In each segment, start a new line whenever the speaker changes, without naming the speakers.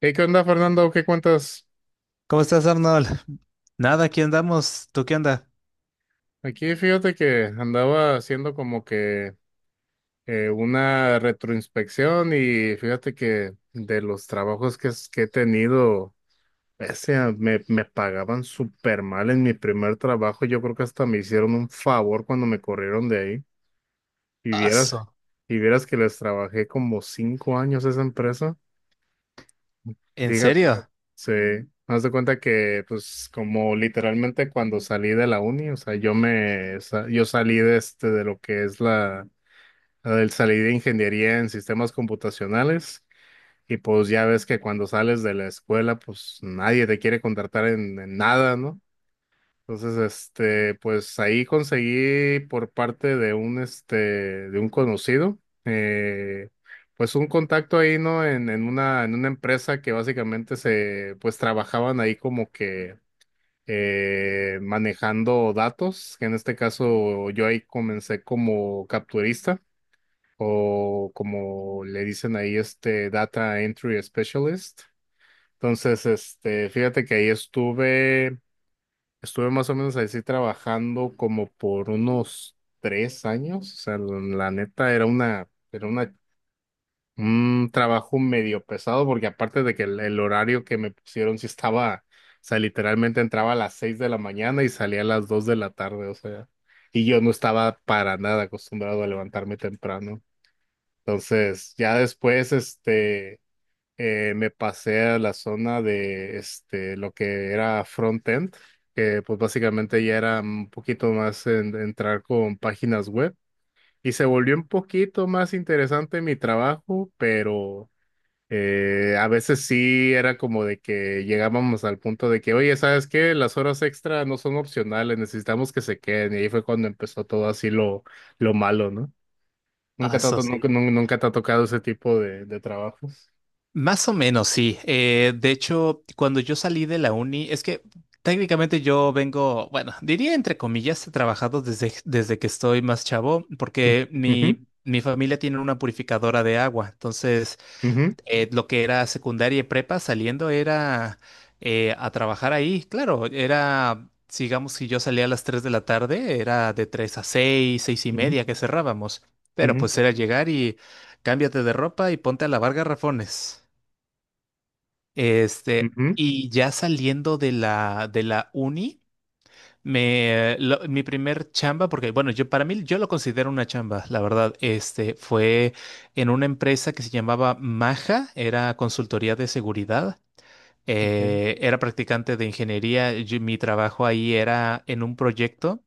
Hey, ¿qué onda, Fernando? ¿Qué cuentas?
¿Cómo estás, Arnold? Nada, aquí andamos. ¿Tú qué anda?
Aquí fíjate que andaba haciendo como que una retroinspección y fíjate que de los trabajos que he tenido, me pagaban súper mal en mi primer trabajo. Yo creo que hasta me hicieron un favor cuando me corrieron de ahí. Y vieras,
Aso.
y vieras que les trabajé como 5 años a esa empresa.
¿En serio?
Sí, haz de cuenta que, pues, como literalmente cuando salí de la uni, o sea, yo salí de este, de lo que es la, la del salí de ingeniería en sistemas computacionales, y pues ya ves que cuando sales de la escuela, pues nadie te quiere contratar en nada, ¿no? Entonces, este, pues ahí conseguí por parte de de un conocido, pues un contacto ahí, ¿no? En una empresa que básicamente se, pues trabajaban ahí como que manejando datos, que en este caso yo ahí comencé como capturista o como le dicen ahí, este, Data Entry Specialist. Entonces, este, fíjate que ahí estuve. Estuve más o menos así trabajando como por unos 3 años. O sea, la neta era una, un trabajo medio pesado porque aparte de que el horario que me pusieron sí estaba, o sea, literalmente entraba a las 6 de la mañana y salía a las 2 de la tarde, o sea, y yo no estaba para nada acostumbrado a levantarme temprano. Entonces, ya después, este me pasé a la zona de este, lo que era front-end, que pues básicamente ya era un poquito más entrar con páginas web y se volvió un poquito más interesante mi trabajo, pero a veces sí era como de que llegábamos al punto de que, oye, ¿sabes qué? Las horas extra no son opcionales, necesitamos que se queden y ahí fue cuando empezó todo así lo malo, ¿no?
Aso, sí.
Nunca te ha tocado ese tipo de trabajos.
Más o menos, sí. De hecho, cuando yo salí de la uni, es que técnicamente yo vengo, bueno, diría entre comillas, he trabajado desde que estoy más chavo, porque
Ujú,
mi familia tiene una purificadora de agua. Entonces,
ujú.
lo que era secundaria y prepa saliendo era a trabajar ahí. Claro, era, digamos, si yo salía a las 3 de la tarde, era de 3 a 6 6 y
Ujú,
media que cerrábamos. Pero
ujú,
pues era llegar y cámbiate de ropa y ponte a lavar garrafones. Este,
ujú,
y ya saliendo de de la uni. Mi primer chamba, porque bueno, yo para mí yo lo considero una chamba, la verdad, este fue en una empresa que se llamaba Maja, era consultoría de seguridad,
ok,
era practicante de ingeniería, mi trabajo ahí era en un proyecto,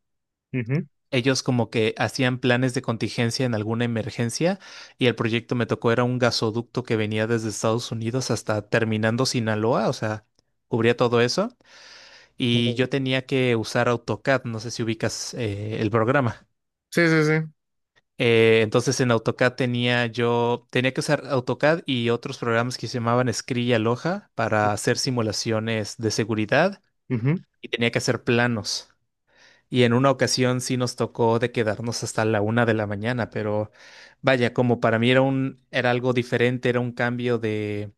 ujú,
ellos como que hacían planes de contingencia en alguna emergencia y el proyecto me tocó era un gasoducto que venía desde Estados Unidos hasta terminando Sinaloa, o sea, cubría todo eso y
ujú.
yo tenía que usar AutoCAD, no sé si ubicas el programa.
Sí, sí, sí.
Entonces en AutoCAD tenía que usar AutoCAD y otros programas que se llamaban Scri y Aloha para hacer simulaciones de seguridad
Ujú,
y tenía que hacer planos. Y en una ocasión sí nos tocó de quedarnos hasta la una de la mañana, pero vaya, como para mí era era algo diferente, era un cambio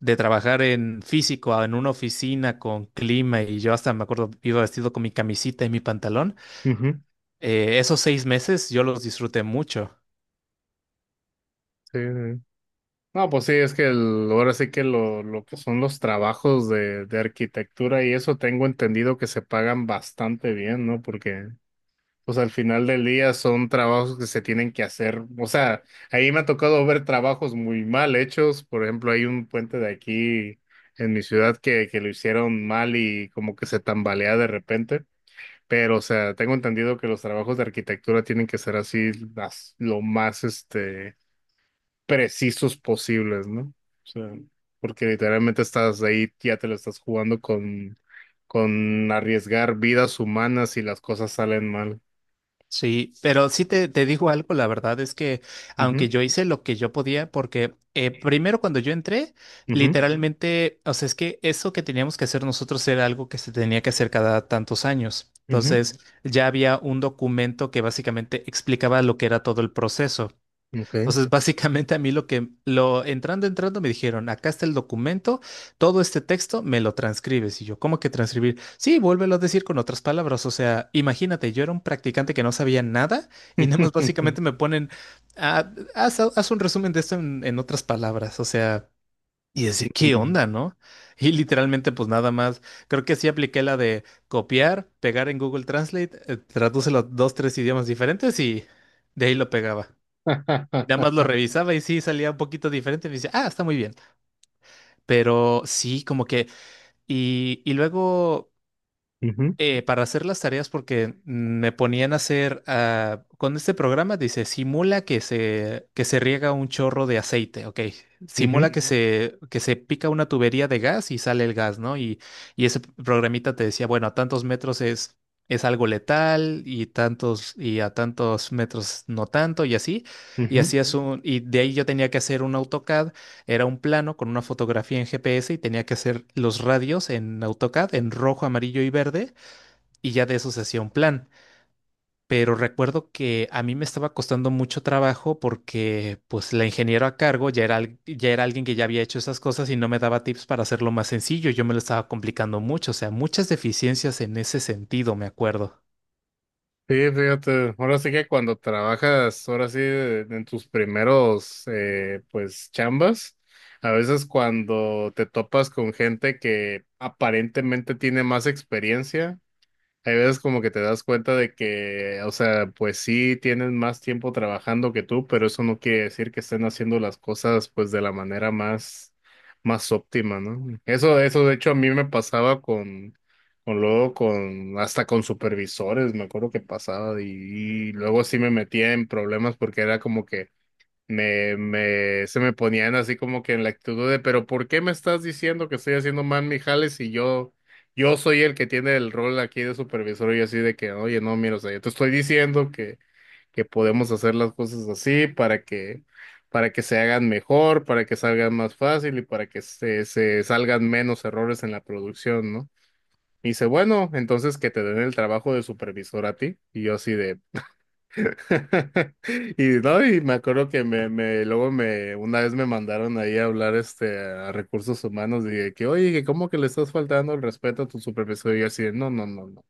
de trabajar en físico, en una oficina con clima y yo hasta me acuerdo, iba vestido con mi camisita y mi pantalón.
ujú,
Esos seis meses yo los disfruté mucho.
sí, sí, sí. No, pues sí, es que ahora sí que lo que son los trabajos de arquitectura y eso tengo entendido que se pagan bastante bien, ¿no? Porque, pues al final del día son trabajos que se tienen que hacer. O sea, ahí me ha tocado ver trabajos muy mal hechos. Por ejemplo, hay un puente de aquí en mi ciudad que lo hicieron mal y como que se tambalea de repente. Pero, o sea, tengo entendido que los trabajos de arquitectura tienen que ser así lo más este, precisos posibles, ¿no? O sea, porque literalmente estás ahí, ya te lo estás jugando con arriesgar vidas humanas y las cosas salen mal.
Sí, pero sí te digo algo, la verdad es que aunque
Ujú,
yo hice lo que yo podía, porque primero cuando yo entré,
ujú,
literalmente, o sea, es que eso que teníamos que hacer nosotros era algo que se tenía que hacer cada tantos años.
ujú,
Entonces, ya había un documento que básicamente explicaba lo que era todo el proceso.
ok.
Entonces, básicamente a mí lo que lo entrando me dijeron, acá está el documento, todo este texto me lo transcribes. Y yo, ¿cómo que transcribir? Sí, vuélvelo a decir con otras palabras. O sea, imagínate, yo era un practicante que no sabía nada y nada más básicamente me ponen, "Ah, haz un resumen de esto en otras palabras". O sea, y decía, ¿qué
Ujú,
onda, no? Y literalmente, pues nada más, creo que sí apliqué la de copiar, pegar en Google Translate, tradúcelo a dos, tres idiomas diferentes y de ahí lo pegaba. Y nada más lo revisaba y sí salía un poquito diferente. Me dice, ah, está muy bien. Pero sí, como que. Y luego
ujú,
para hacer las tareas porque me ponían a hacer, ah, con este programa dice, simula que que se riega un chorro de aceite, ok,
ujú,
simula que Ujú. Que se pica una tubería de gas y sale el gas, ¿no? Y ese programita te decía, bueno, a tantos metros es algo letal y tantos, y a tantos metros no tanto y así, y
ujú.
hacías y de ahí yo tenía que hacer un AutoCAD, era un plano con una fotografía en GPS y tenía que hacer los radios en AutoCAD en rojo, amarillo y verde y ya de eso se hacía un plan. Pero recuerdo que a mí me estaba costando mucho trabajo porque pues la ingeniera a cargo ya ya era alguien que ya había hecho esas cosas y no me daba tips para hacerlo más sencillo. Yo me lo estaba complicando mucho, o sea, muchas deficiencias en ese sentido, me acuerdo.
Sí, fíjate, ahora sí que cuando trabajas, ahora sí, en tus primeros, pues, chambas, a veces cuando te topas con gente que aparentemente tiene más experiencia, hay veces como que te das cuenta de que, o sea, pues sí tienen más tiempo trabajando que tú, pero eso no quiere decir que estén haciendo las cosas pues de la manera más, más óptima, ¿no? Eso de hecho a mí me pasaba con luego con, hasta con supervisores, me acuerdo que pasaba y luego sí me metía en problemas porque era como que se me ponían así como que en la actitud de, pero ¿por qué me estás diciendo que estoy haciendo mal mi jale si yo, yo soy el que tiene el rol aquí de supervisor y yo así de que, oye, no, mira, o sea, yo te estoy diciendo que podemos hacer las cosas así para que se hagan mejor, para que salgan más fácil y para que se salgan menos errores en la producción, ¿no? Y dice, bueno, entonces que te den el trabajo de supervisor a ti. Y yo así de, Y no, y me acuerdo que una vez me mandaron ahí a hablar este a recursos humanos, dije que, oye, que cómo que le estás faltando el respeto a tu supervisor, y yo así, de, no, no, no, no.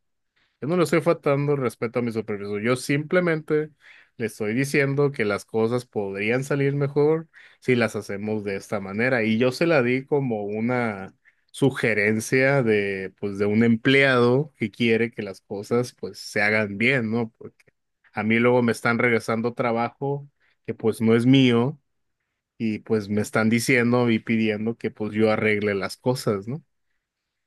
Yo no le estoy faltando respeto a mi supervisor. Yo simplemente le estoy diciendo que las cosas podrían salir mejor si las hacemos de esta manera. Y yo se la di como una sugerencia de, pues, de un empleado que quiere que las cosas, pues, se hagan bien, ¿no? Porque a mí luego me están regresando trabajo que, pues, no es mío y, pues, me están diciendo y pidiendo que, pues, yo arregle las cosas, ¿no?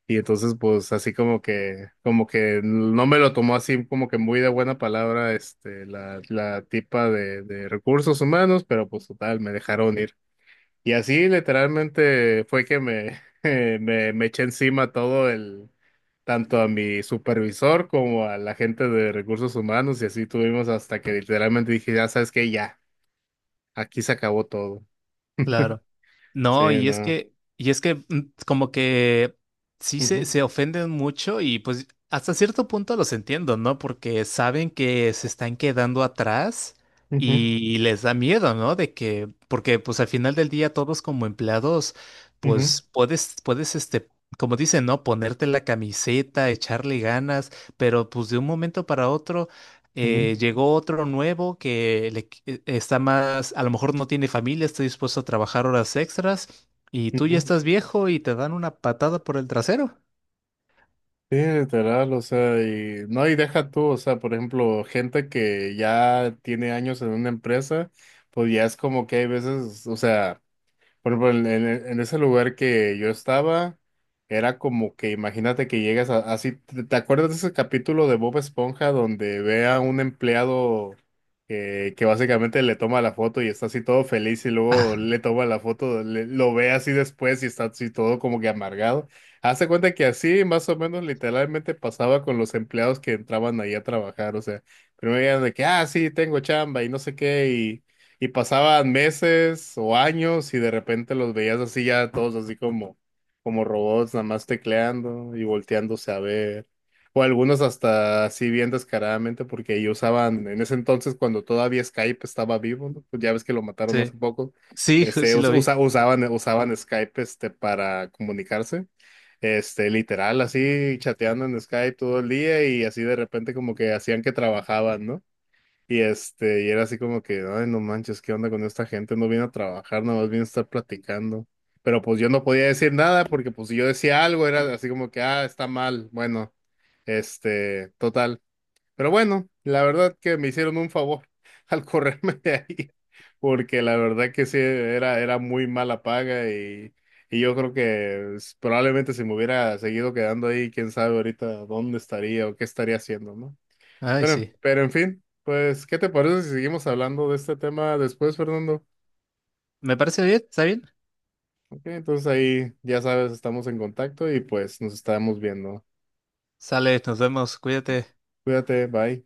Y entonces, pues, así como que no me lo tomó así como que muy de buena palabra, este, la tipa de recursos humanos, pero pues total, me dejaron ir. Y así literalmente fue que me, me eché encima todo el, tanto a mi supervisor como a la gente de recursos humanos, y así tuvimos hasta que literalmente dije, ya sabes que ya, aquí se acabó todo.
Claro.
Sí,
No,
no.
y es que como que sí
Ujú,
se ofenden mucho y pues hasta cierto punto los entiendo, ¿no? Porque saben que se están quedando atrás
ujú,
y les da miedo, ¿no? De que, porque pues al final del día todos como empleados,
ujú,
pues puedes este, como dicen, ¿no? Ponerte la camiseta, echarle ganas, pero pues de un momento para otro.
ujú,
Llegó otro nuevo que está más, a lo mejor no tiene familia, está dispuesto a trabajar horas extras y tú ya
ujú.
estás viejo y te dan una patada por el trasero.
Sí, literal, o sea, y no, y deja tú, o sea, por ejemplo, gente que ya tiene años en una empresa, pues ya es como que hay veces, o sea, por ejemplo, en ese lugar que yo estaba, era como que imagínate que así. Te acuerdas de ese capítulo de Bob Esponja donde ve a un empleado que básicamente le toma la foto y está así todo feliz y luego
Ah,
le toma la foto, lo ve así después y está así todo como que amargado? Hazte cuenta que así más o menos literalmente pasaba con los empleados que entraban ahí a trabajar. O sea, primero eran de que, ah, sí, tengo chamba y no sé qué y pasaban meses o años y de repente los veías así ya todos así como, como robots, nada más tecleando y volteándose a ver. O algunos hasta así bien descaradamente porque ellos usaban, en ese entonces cuando todavía Skype estaba vivo, ¿no? Pues ya ves que lo mataron
sí,
hace poco,
sí,
este,
sí lo vi.
usaban usaban Skype este, para comunicarse este, literal, así chateando en Skype todo el día y así de repente como que hacían que trabajaban, ¿no? Y este, y era así como que, ay, no manches, ¿qué onda con esta gente? No viene a trabajar, nada más viene a estar platicando. Pero pues yo no podía decir nada porque pues si yo decía algo era así como que, ah, está mal. Bueno, este, total. Pero bueno, la verdad que me hicieron un favor al correrme de ahí porque la verdad que sí, era, era muy mala paga y yo creo que probablemente si me hubiera seguido quedando ahí, quién sabe ahorita dónde estaría o qué estaría haciendo, ¿no?
Ay, sí.
Pero en fin, pues, ¿qué te parece si seguimos hablando de este tema después, Fernando?
Me parece bien, está bien.
Ok, entonces ahí ya sabes, estamos en contacto y pues nos estamos viendo.
Sale, nos vemos, cuídate.
Cuídate, bye.